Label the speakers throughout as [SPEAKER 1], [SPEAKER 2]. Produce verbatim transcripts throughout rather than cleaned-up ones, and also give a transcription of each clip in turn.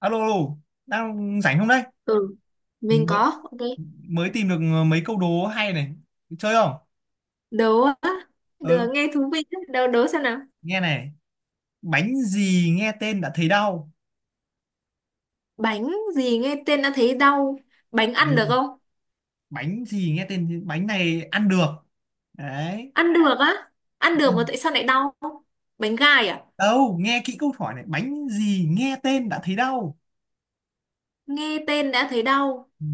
[SPEAKER 1] Alo, alo, đang rảnh không đấy?
[SPEAKER 2] Ừ, mình
[SPEAKER 1] Mới,
[SPEAKER 2] có. Ok.
[SPEAKER 1] mới tìm được mấy câu đố hay này. Chơi không?
[SPEAKER 2] Đố á.
[SPEAKER 1] Ừ,
[SPEAKER 2] Được, nghe thú vị. Á. Đố, đố xem nào.
[SPEAKER 1] nghe này. Bánh gì nghe tên đã thấy đau?
[SPEAKER 2] Bánh gì nghe tên đã thấy đau. Bánh
[SPEAKER 1] Ừ,
[SPEAKER 2] ăn được không?
[SPEAKER 1] bánh gì nghe tên, bánh này ăn được. Đấy.
[SPEAKER 2] Ăn được á. Ăn
[SPEAKER 1] Ừ.
[SPEAKER 2] được mà tại sao lại đau? Bánh gai à?
[SPEAKER 1] Đâu, nghe kỹ câu hỏi này. Bánh gì nghe tên đã thấy đau?
[SPEAKER 2] Nghe tên đã thấy đau.
[SPEAKER 1] Ừ.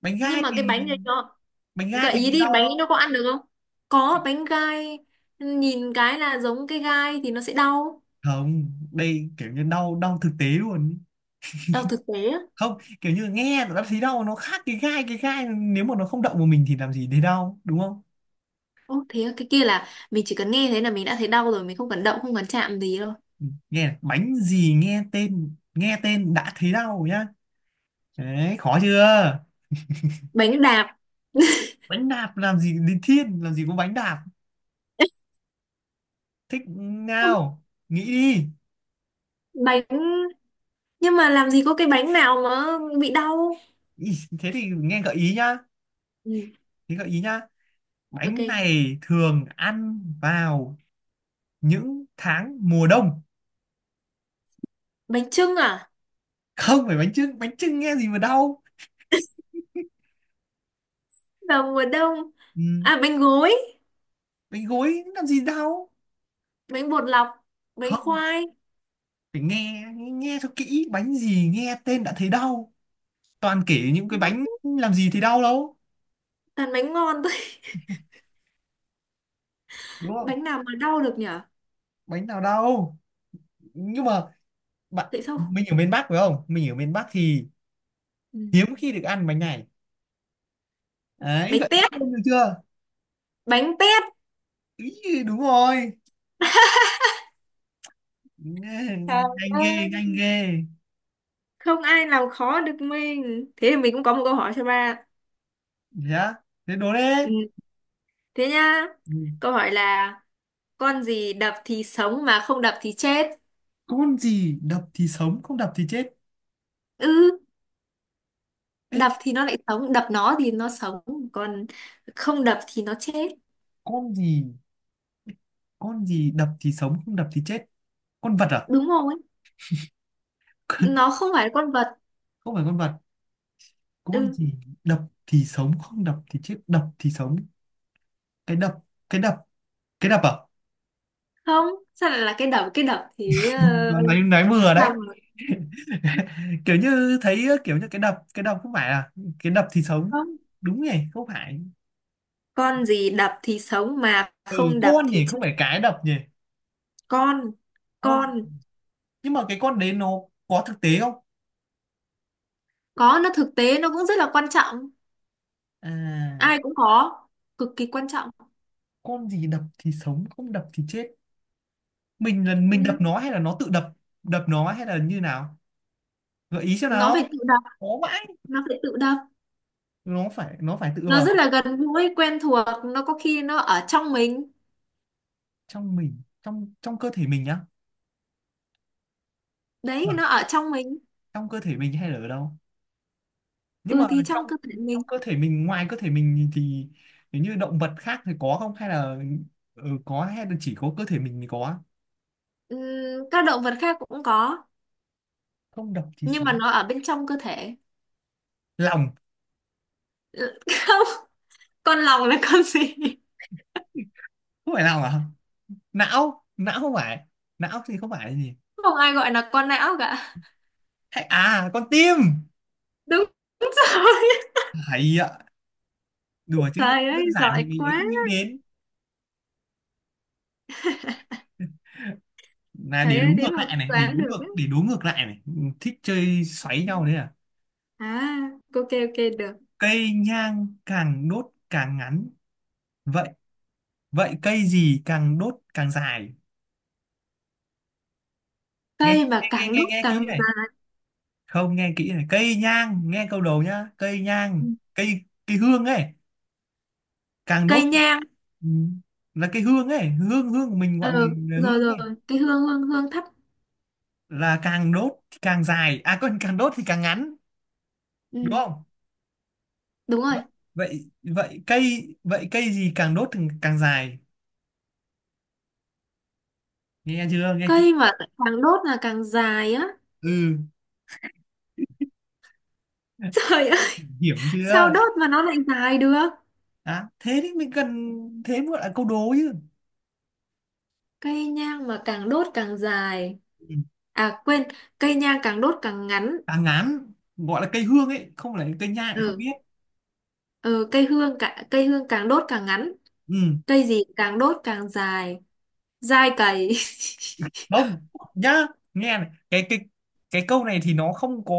[SPEAKER 1] Bánh
[SPEAKER 2] Nhưng
[SPEAKER 1] gai
[SPEAKER 2] mà cái
[SPEAKER 1] thì,
[SPEAKER 2] bánh này nó...
[SPEAKER 1] bánh gai
[SPEAKER 2] Gợi
[SPEAKER 1] thì
[SPEAKER 2] ý
[SPEAKER 1] cũng
[SPEAKER 2] đi,
[SPEAKER 1] đau
[SPEAKER 2] bánh ấy nó
[SPEAKER 1] đâu.
[SPEAKER 2] có ăn được không? Có, bánh gai. Nhìn cái là giống cái gai thì nó sẽ đau.
[SPEAKER 1] Không, đây kiểu như đau, đau thực tế luôn.
[SPEAKER 2] Đau thực tế á.
[SPEAKER 1] Không, kiểu như nghe đã thấy đau nó khác cái gai, cái gai nếu mà nó không động vào mình thì làm gì thấy đau, đúng không?
[SPEAKER 2] Ô, thế á, cái kia là mình chỉ cần nghe thấy là mình đã thấy đau rồi. Mình không cần động, không cần chạm gì đâu.
[SPEAKER 1] Nghe bánh gì nghe tên nghe tên đã thấy đau nhá. Đấy, khó chưa?
[SPEAKER 2] Bánh đạp.
[SPEAKER 1] Bánh đạp làm gì đến thiên, làm gì có bánh đạp? Thích nào, nghĩ đi.
[SPEAKER 2] Bánh, nhưng mà làm gì có cái bánh nào mà bị đau.
[SPEAKER 1] Ý, thế thì nghe gợi ý nhá,
[SPEAKER 2] Ừ,
[SPEAKER 1] thế gợi ý nhá
[SPEAKER 2] ok.
[SPEAKER 1] bánh này thường ăn vào những tháng mùa đông.
[SPEAKER 2] Bánh chưng à?
[SPEAKER 1] Không phải bánh chưng, bánh chưng nghe gì mà đau?
[SPEAKER 2] Vào mùa đông.
[SPEAKER 1] Ừ.
[SPEAKER 2] À bánh gối,
[SPEAKER 1] Bánh gối làm gì đau?
[SPEAKER 2] bánh bột lọc, bánh
[SPEAKER 1] Không
[SPEAKER 2] khoai.
[SPEAKER 1] phải, nghe nghe cho kỹ, bánh gì nghe tên đã thấy đau? Toàn kể những cái bánh
[SPEAKER 2] Đó,
[SPEAKER 1] làm gì thì đau đâu,
[SPEAKER 2] toàn bánh ngon thôi.
[SPEAKER 1] đúng không?
[SPEAKER 2] Bánh nào mà đau được nhở?
[SPEAKER 1] Bánh nào đâu, nhưng mà bạn
[SPEAKER 2] Tại sao?
[SPEAKER 1] mình ở miền Bắc phải không? Mình ở miền Bắc thì
[SPEAKER 2] Ừ.
[SPEAKER 1] hiếm khi được ăn bánh này đấy, vậy
[SPEAKER 2] Bánh tét,
[SPEAKER 1] được chưa?
[SPEAKER 2] bánh tét.
[SPEAKER 1] Ý, đúng rồi. Nghe-
[SPEAKER 2] Trời
[SPEAKER 1] Nhanh ghê,
[SPEAKER 2] ơi.
[SPEAKER 1] nhanh ghê.
[SPEAKER 2] Không ai làm khó được mình. Thế thì mình cũng có một câu hỏi cho ba.
[SPEAKER 1] Yeah, thế đố đấy.
[SPEAKER 2] Ừ. Thế nhá.
[SPEAKER 1] Ừ,
[SPEAKER 2] Câu hỏi là con gì đập thì sống mà không đập thì chết?
[SPEAKER 1] con gì đập thì sống không đập thì chết?
[SPEAKER 2] Ừ.
[SPEAKER 1] Ê,
[SPEAKER 2] Đập thì nó lại sống, đập nó thì nó sống, còn không đập thì nó chết.
[SPEAKER 1] con gì, con gì đập thì sống không đập thì chết? Con vật à?
[SPEAKER 2] Đúng rồi, nó không phải con vật.
[SPEAKER 1] không phải con vật, con
[SPEAKER 2] Ừ,
[SPEAKER 1] gì đập thì sống không đập thì chết, đập thì sống? Cái đập, cái đập cái đập à?
[SPEAKER 2] không. Sao lại là cái đập cái đập thì ờ,
[SPEAKER 1] Ừ, nãy nãy
[SPEAKER 2] là
[SPEAKER 1] vừa đấy.
[SPEAKER 2] sao mà
[SPEAKER 1] kiểu như thấy ờ, kiểu như cái đập, cái đập không phải à? Cái đập thì sống,
[SPEAKER 2] không.
[SPEAKER 1] đúng nhỉ? Không phải,
[SPEAKER 2] Con gì đập thì sống mà
[SPEAKER 1] ừ,
[SPEAKER 2] không đập
[SPEAKER 1] con
[SPEAKER 2] thì
[SPEAKER 1] nhỉ, không
[SPEAKER 2] chết?
[SPEAKER 1] phải cái đập nhỉ.
[SPEAKER 2] Con,
[SPEAKER 1] Con,
[SPEAKER 2] con.
[SPEAKER 1] nhưng mà cái con đấy nó có thực tế không?
[SPEAKER 2] Có, nó thực tế, nó cũng rất là quan trọng,
[SPEAKER 1] À,
[SPEAKER 2] ai cũng có, cực kỳ quan trọng.
[SPEAKER 1] con gì đập thì sống không đập thì chết, mình là mình đập
[SPEAKER 2] Ừ.
[SPEAKER 1] nó hay là nó tự đập? Đập nó hay là như nào? Gợi ý xem
[SPEAKER 2] Nó phải
[SPEAKER 1] nào,
[SPEAKER 2] tự đập.
[SPEAKER 1] khó vãi.
[SPEAKER 2] Nó phải tự đập.
[SPEAKER 1] Nó phải, nó phải tự
[SPEAKER 2] Nó
[SPEAKER 1] vào
[SPEAKER 2] rất là gần gũi quen thuộc, nó có khi nó ở trong mình.
[SPEAKER 1] trong mình, trong trong cơ thể mình nhá.
[SPEAKER 2] Đấy,
[SPEAKER 1] Vâng,
[SPEAKER 2] nó ở trong mình.
[SPEAKER 1] trong cơ thể mình hay là ở đâu? Nhưng
[SPEAKER 2] Ừ,
[SPEAKER 1] mà
[SPEAKER 2] thì
[SPEAKER 1] trong,
[SPEAKER 2] trong cơ thể
[SPEAKER 1] trong
[SPEAKER 2] mình.
[SPEAKER 1] cơ thể mình, ngoài cơ thể mình thì nếu như động vật khác thì có không hay là, ừ, có hay là chỉ có cơ thể mình mới có?
[SPEAKER 2] Ừm, các động vật khác cũng có
[SPEAKER 1] Không độc thì
[SPEAKER 2] nhưng mà
[SPEAKER 1] sống.
[SPEAKER 2] nó ở bên trong cơ thể.
[SPEAKER 1] Lòng.
[SPEAKER 2] Không. Con lòng là con gì?
[SPEAKER 1] Không phải lòng à? Não, não không phải, não thì không phải là gì?
[SPEAKER 2] Không ai gọi là con não cả.
[SPEAKER 1] Hay à, con tim?
[SPEAKER 2] Đúng rồi.
[SPEAKER 1] Hay ạ, đùa chứ.
[SPEAKER 2] Trời ơi
[SPEAKER 1] Đơn giản thì
[SPEAKER 2] giỏi
[SPEAKER 1] mình ấy
[SPEAKER 2] quá.
[SPEAKER 1] không nghĩ đến. Là để
[SPEAKER 2] Trời
[SPEAKER 1] đố
[SPEAKER 2] ơi thế
[SPEAKER 1] ngược
[SPEAKER 2] mà cũng
[SPEAKER 1] lại này, để đố
[SPEAKER 2] đoán được ấy.
[SPEAKER 1] ngược để đố ngược lại này. Ừ, thích chơi xoáy nhau đấy à?
[SPEAKER 2] À, ok ok, được.
[SPEAKER 1] Cây nhang càng đốt càng ngắn, vậy vậy cây gì càng đốt càng dài? Nghe
[SPEAKER 2] Cây mà
[SPEAKER 1] nghe nghe
[SPEAKER 2] càng
[SPEAKER 1] Nghe,
[SPEAKER 2] đúc
[SPEAKER 1] nghe kỹ
[SPEAKER 2] càng
[SPEAKER 1] này,
[SPEAKER 2] dày.
[SPEAKER 1] không, nghe kỹ này, cây nhang, nghe câu đầu nhá, cây nhang, cây cây hương ấy, càng đốt,
[SPEAKER 2] Cây nhang.
[SPEAKER 1] ừ, là cái hương ấy, hương hương của mình,
[SPEAKER 2] Ờ,
[SPEAKER 1] gọi mình là
[SPEAKER 2] rồi
[SPEAKER 1] hương ấy,
[SPEAKER 2] rồi. Cái hương, hương hương thấp.
[SPEAKER 1] là càng đốt thì càng dài, à quên, càng đốt thì càng ngắn, đúng
[SPEAKER 2] Ừ,
[SPEAKER 1] không?
[SPEAKER 2] đúng rồi.
[SPEAKER 1] Vậy vậy vậy cây vậy cây gì càng đốt thì càng dài? Nghe chưa, nghe kỹ,
[SPEAKER 2] Cây mà càng đốt là càng dài á.
[SPEAKER 1] ừ,
[SPEAKER 2] Trời ơi,
[SPEAKER 1] hiểm
[SPEAKER 2] sao
[SPEAKER 1] chưa?
[SPEAKER 2] đốt mà nó lại dài được?
[SPEAKER 1] À, thế thì mình cần, thế mới gọi là câu đố chứ.
[SPEAKER 2] Cây nhang mà càng đốt càng dài.
[SPEAKER 1] Ừ,
[SPEAKER 2] À quên, cây nhang càng đốt càng ngắn.
[SPEAKER 1] càng ngắn gọi là cây hương ấy, không phải là cây nhang, lại không
[SPEAKER 2] Ừ,
[SPEAKER 1] biết,
[SPEAKER 2] ừ cây hương cả, cây hương càng đốt càng ngắn.
[SPEAKER 1] ừ.
[SPEAKER 2] Cây gì càng đốt càng dài. Dai cày.
[SPEAKER 1] Không nhá, nghe này, cái cái cái câu này thì nó không có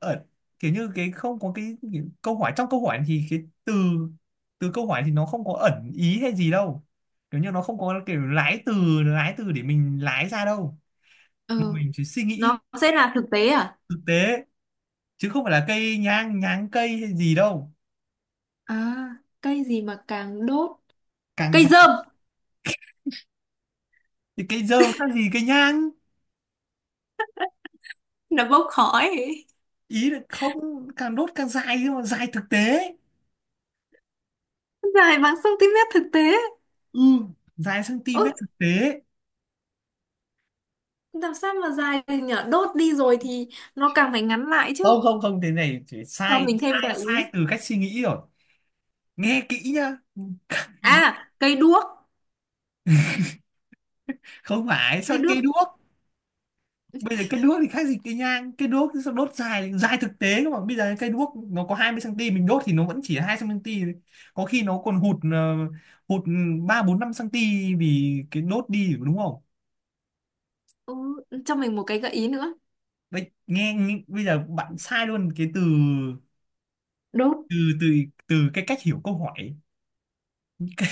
[SPEAKER 1] ở kiểu như cái, không có cái, cái câu hỏi, trong câu hỏi thì cái từ, từ câu hỏi thì nó không có ẩn ý hay gì đâu. Kiểu như nó không có kiểu lái từ, lái từ để mình lái ra đâu, mà
[SPEAKER 2] Ừ,
[SPEAKER 1] mình chỉ suy nghĩ
[SPEAKER 2] nó sẽ là thực tế à?
[SPEAKER 1] thực tế, chứ không phải là cây nhang nháng cây hay gì đâu.
[SPEAKER 2] À, cây gì mà càng đốt?
[SPEAKER 1] Càng
[SPEAKER 2] Cây
[SPEAKER 1] dài
[SPEAKER 2] dơm.
[SPEAKER 1] thì cây dơ khác gì cây nhang?
[SPEAKER 2] Nó bốc khói.
[SPEAKER 1] Ý là không, càng đốt càng dài nhưng mà dài thực tế,
[SPEAKER 2] Dài bằng cm thực tế.
[SPEAKER 1] ừ, dài cm
[SPEAKER 2] Ôi,
[SPEAKER 1] thực tế.
[SPEAKER 2] làm sao mà dài được nhở? Đốt đi rồi thì nó càng phải ngắn lại chứ.
[SPEAKER 1] Không không không, thế này chỉ
[SPEAKER 2] Cho
[SPEAKER 1] sai
[SPEAKER 2] mình thêm
[SPEAKER 1] sai
[SPEAKER 2] gợi
[SPEAKER 1] sai
[SPEAKER 2] ý.
[SPEAKER 1] từ cách suy nghĩ rồi. Nghe kỹ nhá,
[SPEAKER 2] À, cây đuốc.
[SPEAKER 1] không phải, sao
[SPEAKER 2] Cây đuốc.
[SPEAKER 1] cây đuốc? Bây giờ cây đuốc thì khác gì cây nhang? Cây đuốc thì sao đốt dài, dài thực tế cơ mà, bây giờ cây đuốc nó có hai mươi xăng ti mét, mình đốt thì nó vẫn chỉ hai xăng ti mét thôi, có khi nó còn hụt, ờ, hụt ba bốn năm cm, vì cái đốt đi, đúng không?
[SPEAKER 2] Ừ, cho mình một cái gợi ý nữa.
[SPEAKER 1] Bây, nghe, nghe Bây giờ bạn sai luôn cái từ,
[SPEAKER 2] Đốt,
[SPEAKER 1] từ từ từ cái cách hiểu câu hỏi. cây,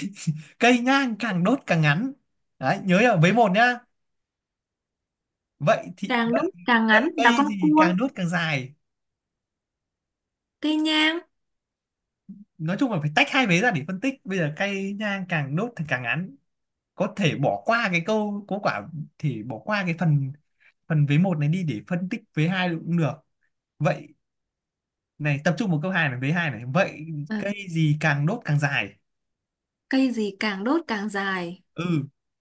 [SPEAKER 1] cây nhang càng đốt càng ngắn đấy, nhớ nhá, với một nhá. Vậy thì
[SPEAKER 2] càng đốt
[SPEAKER 1] vậy
[SPEAKER 2] càng ngắn
[SPEAKER 1] Vậy
[SPEAKER 2] là
[SPEAKER 1] cây
[SPEAKER 2] con
[SPEAKER 1] gì
[SPEAKER 2] cua.
[SPEAKER 1] càng đốt càng dài?
[SPEAKER 2] Cây nhang.
[SPEAKER 1] Nói chung là phải tách hai vế ra để phân tích. Bây giờ cây nhang càng đốt thì càng ngắn, có thể bỏ qua cái câu có quả, thì bỏ qua cái phần, phần vế một này đi để phân tích vế hai cũng được. Vậy này, tập trung vào câu hai này, vế hai này, vậy
[SPEAKER 2] À,
[SPEAKER 1] cây gì càng đốt càng dài?
[SPEAKER 2] cây gì càng đốt càng dài?
[SPEAKER 1] Ừ,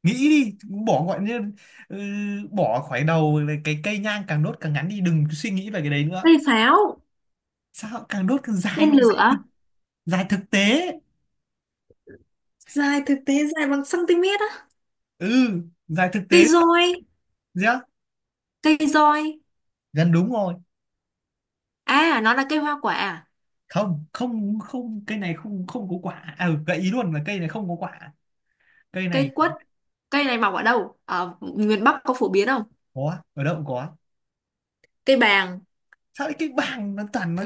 [SPEAKER 1] nghĩ đi, bỏ gọi như, ừ, bỏ khỏi đầu là cái cây nhang càng đốt càng ngắn đi, đừng suy nghĩ về cái đấy nữa.
[SPEAKER 2] Cây pháo.
[SPEAKER 1] Sao càng đốt càng dài
[SPEAKER 2] Tên
[SPEAKER 1] không dài thực,
[SPEAKER 2] lửa.
[SPEAKER 1] dài thực tế,
[SPEAKER 2] Dài thực tế. Dài bằng cm á.
[SPEAKER 1] ừ, giải thực
[SPEAKER 2] Cây
[SPEAKER 1] tế.
[SPEAKER 2] roi.
[SPEAKER 1] Yeah,
[SPEAKER 2] Cây roi.
[SPEAKER 1] gần đúng rồi.
[SPEAKER 2] À nó là cây hoa quả à?
[SPEAKER 1] Không không không, cây này không, không có quả, à, ừ, gợi ý luôn là cây này không có quả, cây này
[SPEAKER 2] Cây quất. Cây này mọc ở đâu, ở miền Bắc có phổ biến không?
[SPEAKER 1] có ở đâu cũng có.
[SPEAKER 2] Cây bàng.
[SPEAKER 1] Sao cái bảng nó toàn nó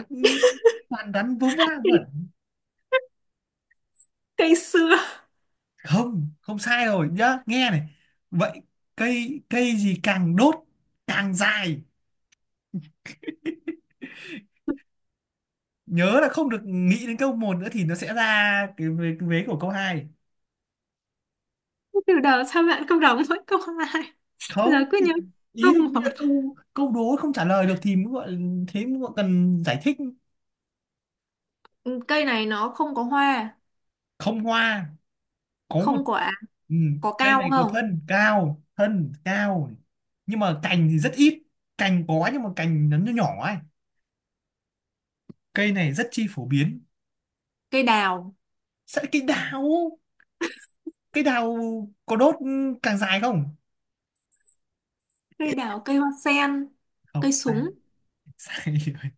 [SPEAKER 1] toàn gắn vớ va vẩn.
[SPEAKER 2] Cây sưa.
[SPEAKER 1] Không không, sai rồi nhá, nghe này, vậy cây, cây gì càng đốt càng dài? Nhớ là không được nghĩ đến câu một nữa thì nó sẽ ra cái vế, cái vế của câu hai.
[SPEAKER 2] Từ đầu sao bạn không đọc mỗi câu hai? Giờ
[SPEAKER 1] Không,
[SPEAKER 2] cứ nhớ
[SPEAKER 1] ý
[SPEAKER 2] câu
[SPEAKER 1] là
[SPEAKER 2] một.
[SPEAKER 1] như là câu, câu đố không trả lời được thì mới gọi, thế mới gọi cần giải thích.
[SPEAKER 2] Ừ, cây này nó không có hoa,
[SPEAKER 1] Không hoa, có một,
[SPEAKER 2] không quả.
[SPEAKER 1] ừ,
[SPEAKER 2] Có
[SPEAKER 1] đây
[SPEAKER 2] cao
[SPEAKER 1] này, có
[SPEAKER 2] không?
[SPEAKER 1] thân cao, thân cao nhưng mà cành thì rất ít, cành có nhưng mà cành nó nhỏ nhỏ ấy, cây này rất chi phổ biến.
[SPEAKER 2] Cây đào.
[SPEAKER 1] Sẵn cây đào cây đào có đốt ừ, càng dài không?
[SPEAKER 2] Cây đào. Cây hoa sen.
[SPEAKER 1] Không
[SPEAKER 2] Cây
[SPEAKER 1] à,
[SPEAKER 2] súng.
[SPEAKER 1] sai rồi.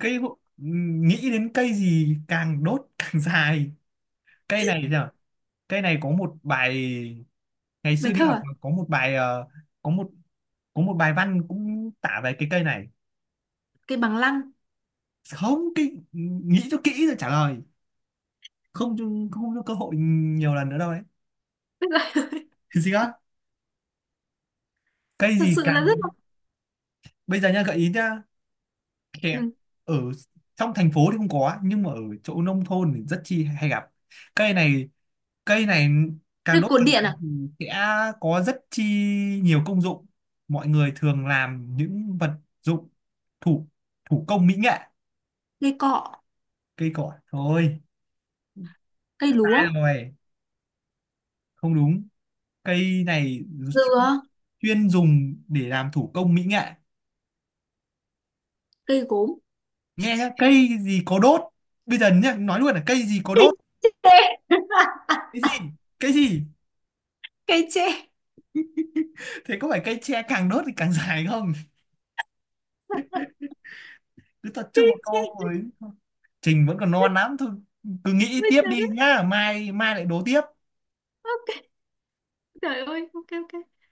[SPEAKER 1] Cây hộ- nghĩ đến cây gì càng đốt càng dài? Cây này thì sao, cây này có một bài, ngày xưa
[SPEAKER 2] Bài
[SPEAKER 1] đi
[SPEAKER 2] thơ
[SPEAKER 1] học
[SPEAKER 2] à?
[SPEAKER 1] có một bài ờ, có một, có một bài văn cũng tả về cái cây này.
[SPEAKER 2] Cây bằng lăng.
[SPEAKER 1] Không kỹ, nghĩ cho kỹ rồi trả lời, không cho- không cho cơ hội nhiều lần nữa đâu đấy.
[SPEAKER 2] Tức là-
[SPEAKER 1] Cái gì á, cây
[SPEAKER 2] thật
[SPEAKER 1] gì
[SPEAKER 2] sự là
[SPEAKER 1] càng,
[SPEAKER 2] rất là.
[SPEAKER 1] bây giờ nha, gợi ý nhá, kẹo,
[SPEAKER 2] Ừ.
[SPEAKER 1] ở trong thành phố thì không có, nhưng mà ở chỗ nông thôn thì rất chi hay gặp cây này. Cây này càng
[SPEAKER 2] Cây
[SPEAKER 1] đốt
[SPEAKER 2] cột
[SPEAKER 1] càng
[SPEAKER 2] điện
[SPEAKER 1] dài
[SPEAKER 2] à?
[SPEAKER 1] thì sẽ có rất chi nhiều công dụng, mọi người thường làm những vật dụng thủ thủ công mỹ nghệ.
[SPEAKER 2] Cây cọ.
[SPEAKER 1] Cây cỏ thôi,
[SPEAKER 2] Cây
[SPEAKER 1] sai
[SPEAKER 2] lúa.
[SPEAKER 1] rồi, không đúng, cây này
[SPEAKER 2] Dừa.
[SPEAKER 1] chuyên dùng để làm thủ công mỹ nghệ.
[SPEAKER 2] Cây gốm.
[SPEAKER 1] Nghe nhá, cây gì có đốt, bây giờ nhá, nói luôn là cây gì có đốt?
[SPEAKER 2] Ê,
[SPEAKER 1] Cái gì, cái gì,
[SPEAKER 2] cây tre.
[SPEAKER 1] thế có phải cây tre càng đốt thì càng dài không? Cứ tập trung vào
[SPEAKER 2] Cây tre.
[SPEAKER 1] câu ấy. Trình vẫn còn non lắm thôi, cứ nghĩ
[SPEAKER 2] Ôi
[SPEAKER 1] tiếp
[SPEAKER 2] trời
[SPEAKER 1] đi
[SPEAKER 2] đất.
[SPEAKER 1] nhá, mai mai lại đố tiếp.
[SPEAKER 2] Ok. Trời ơi, ok ok.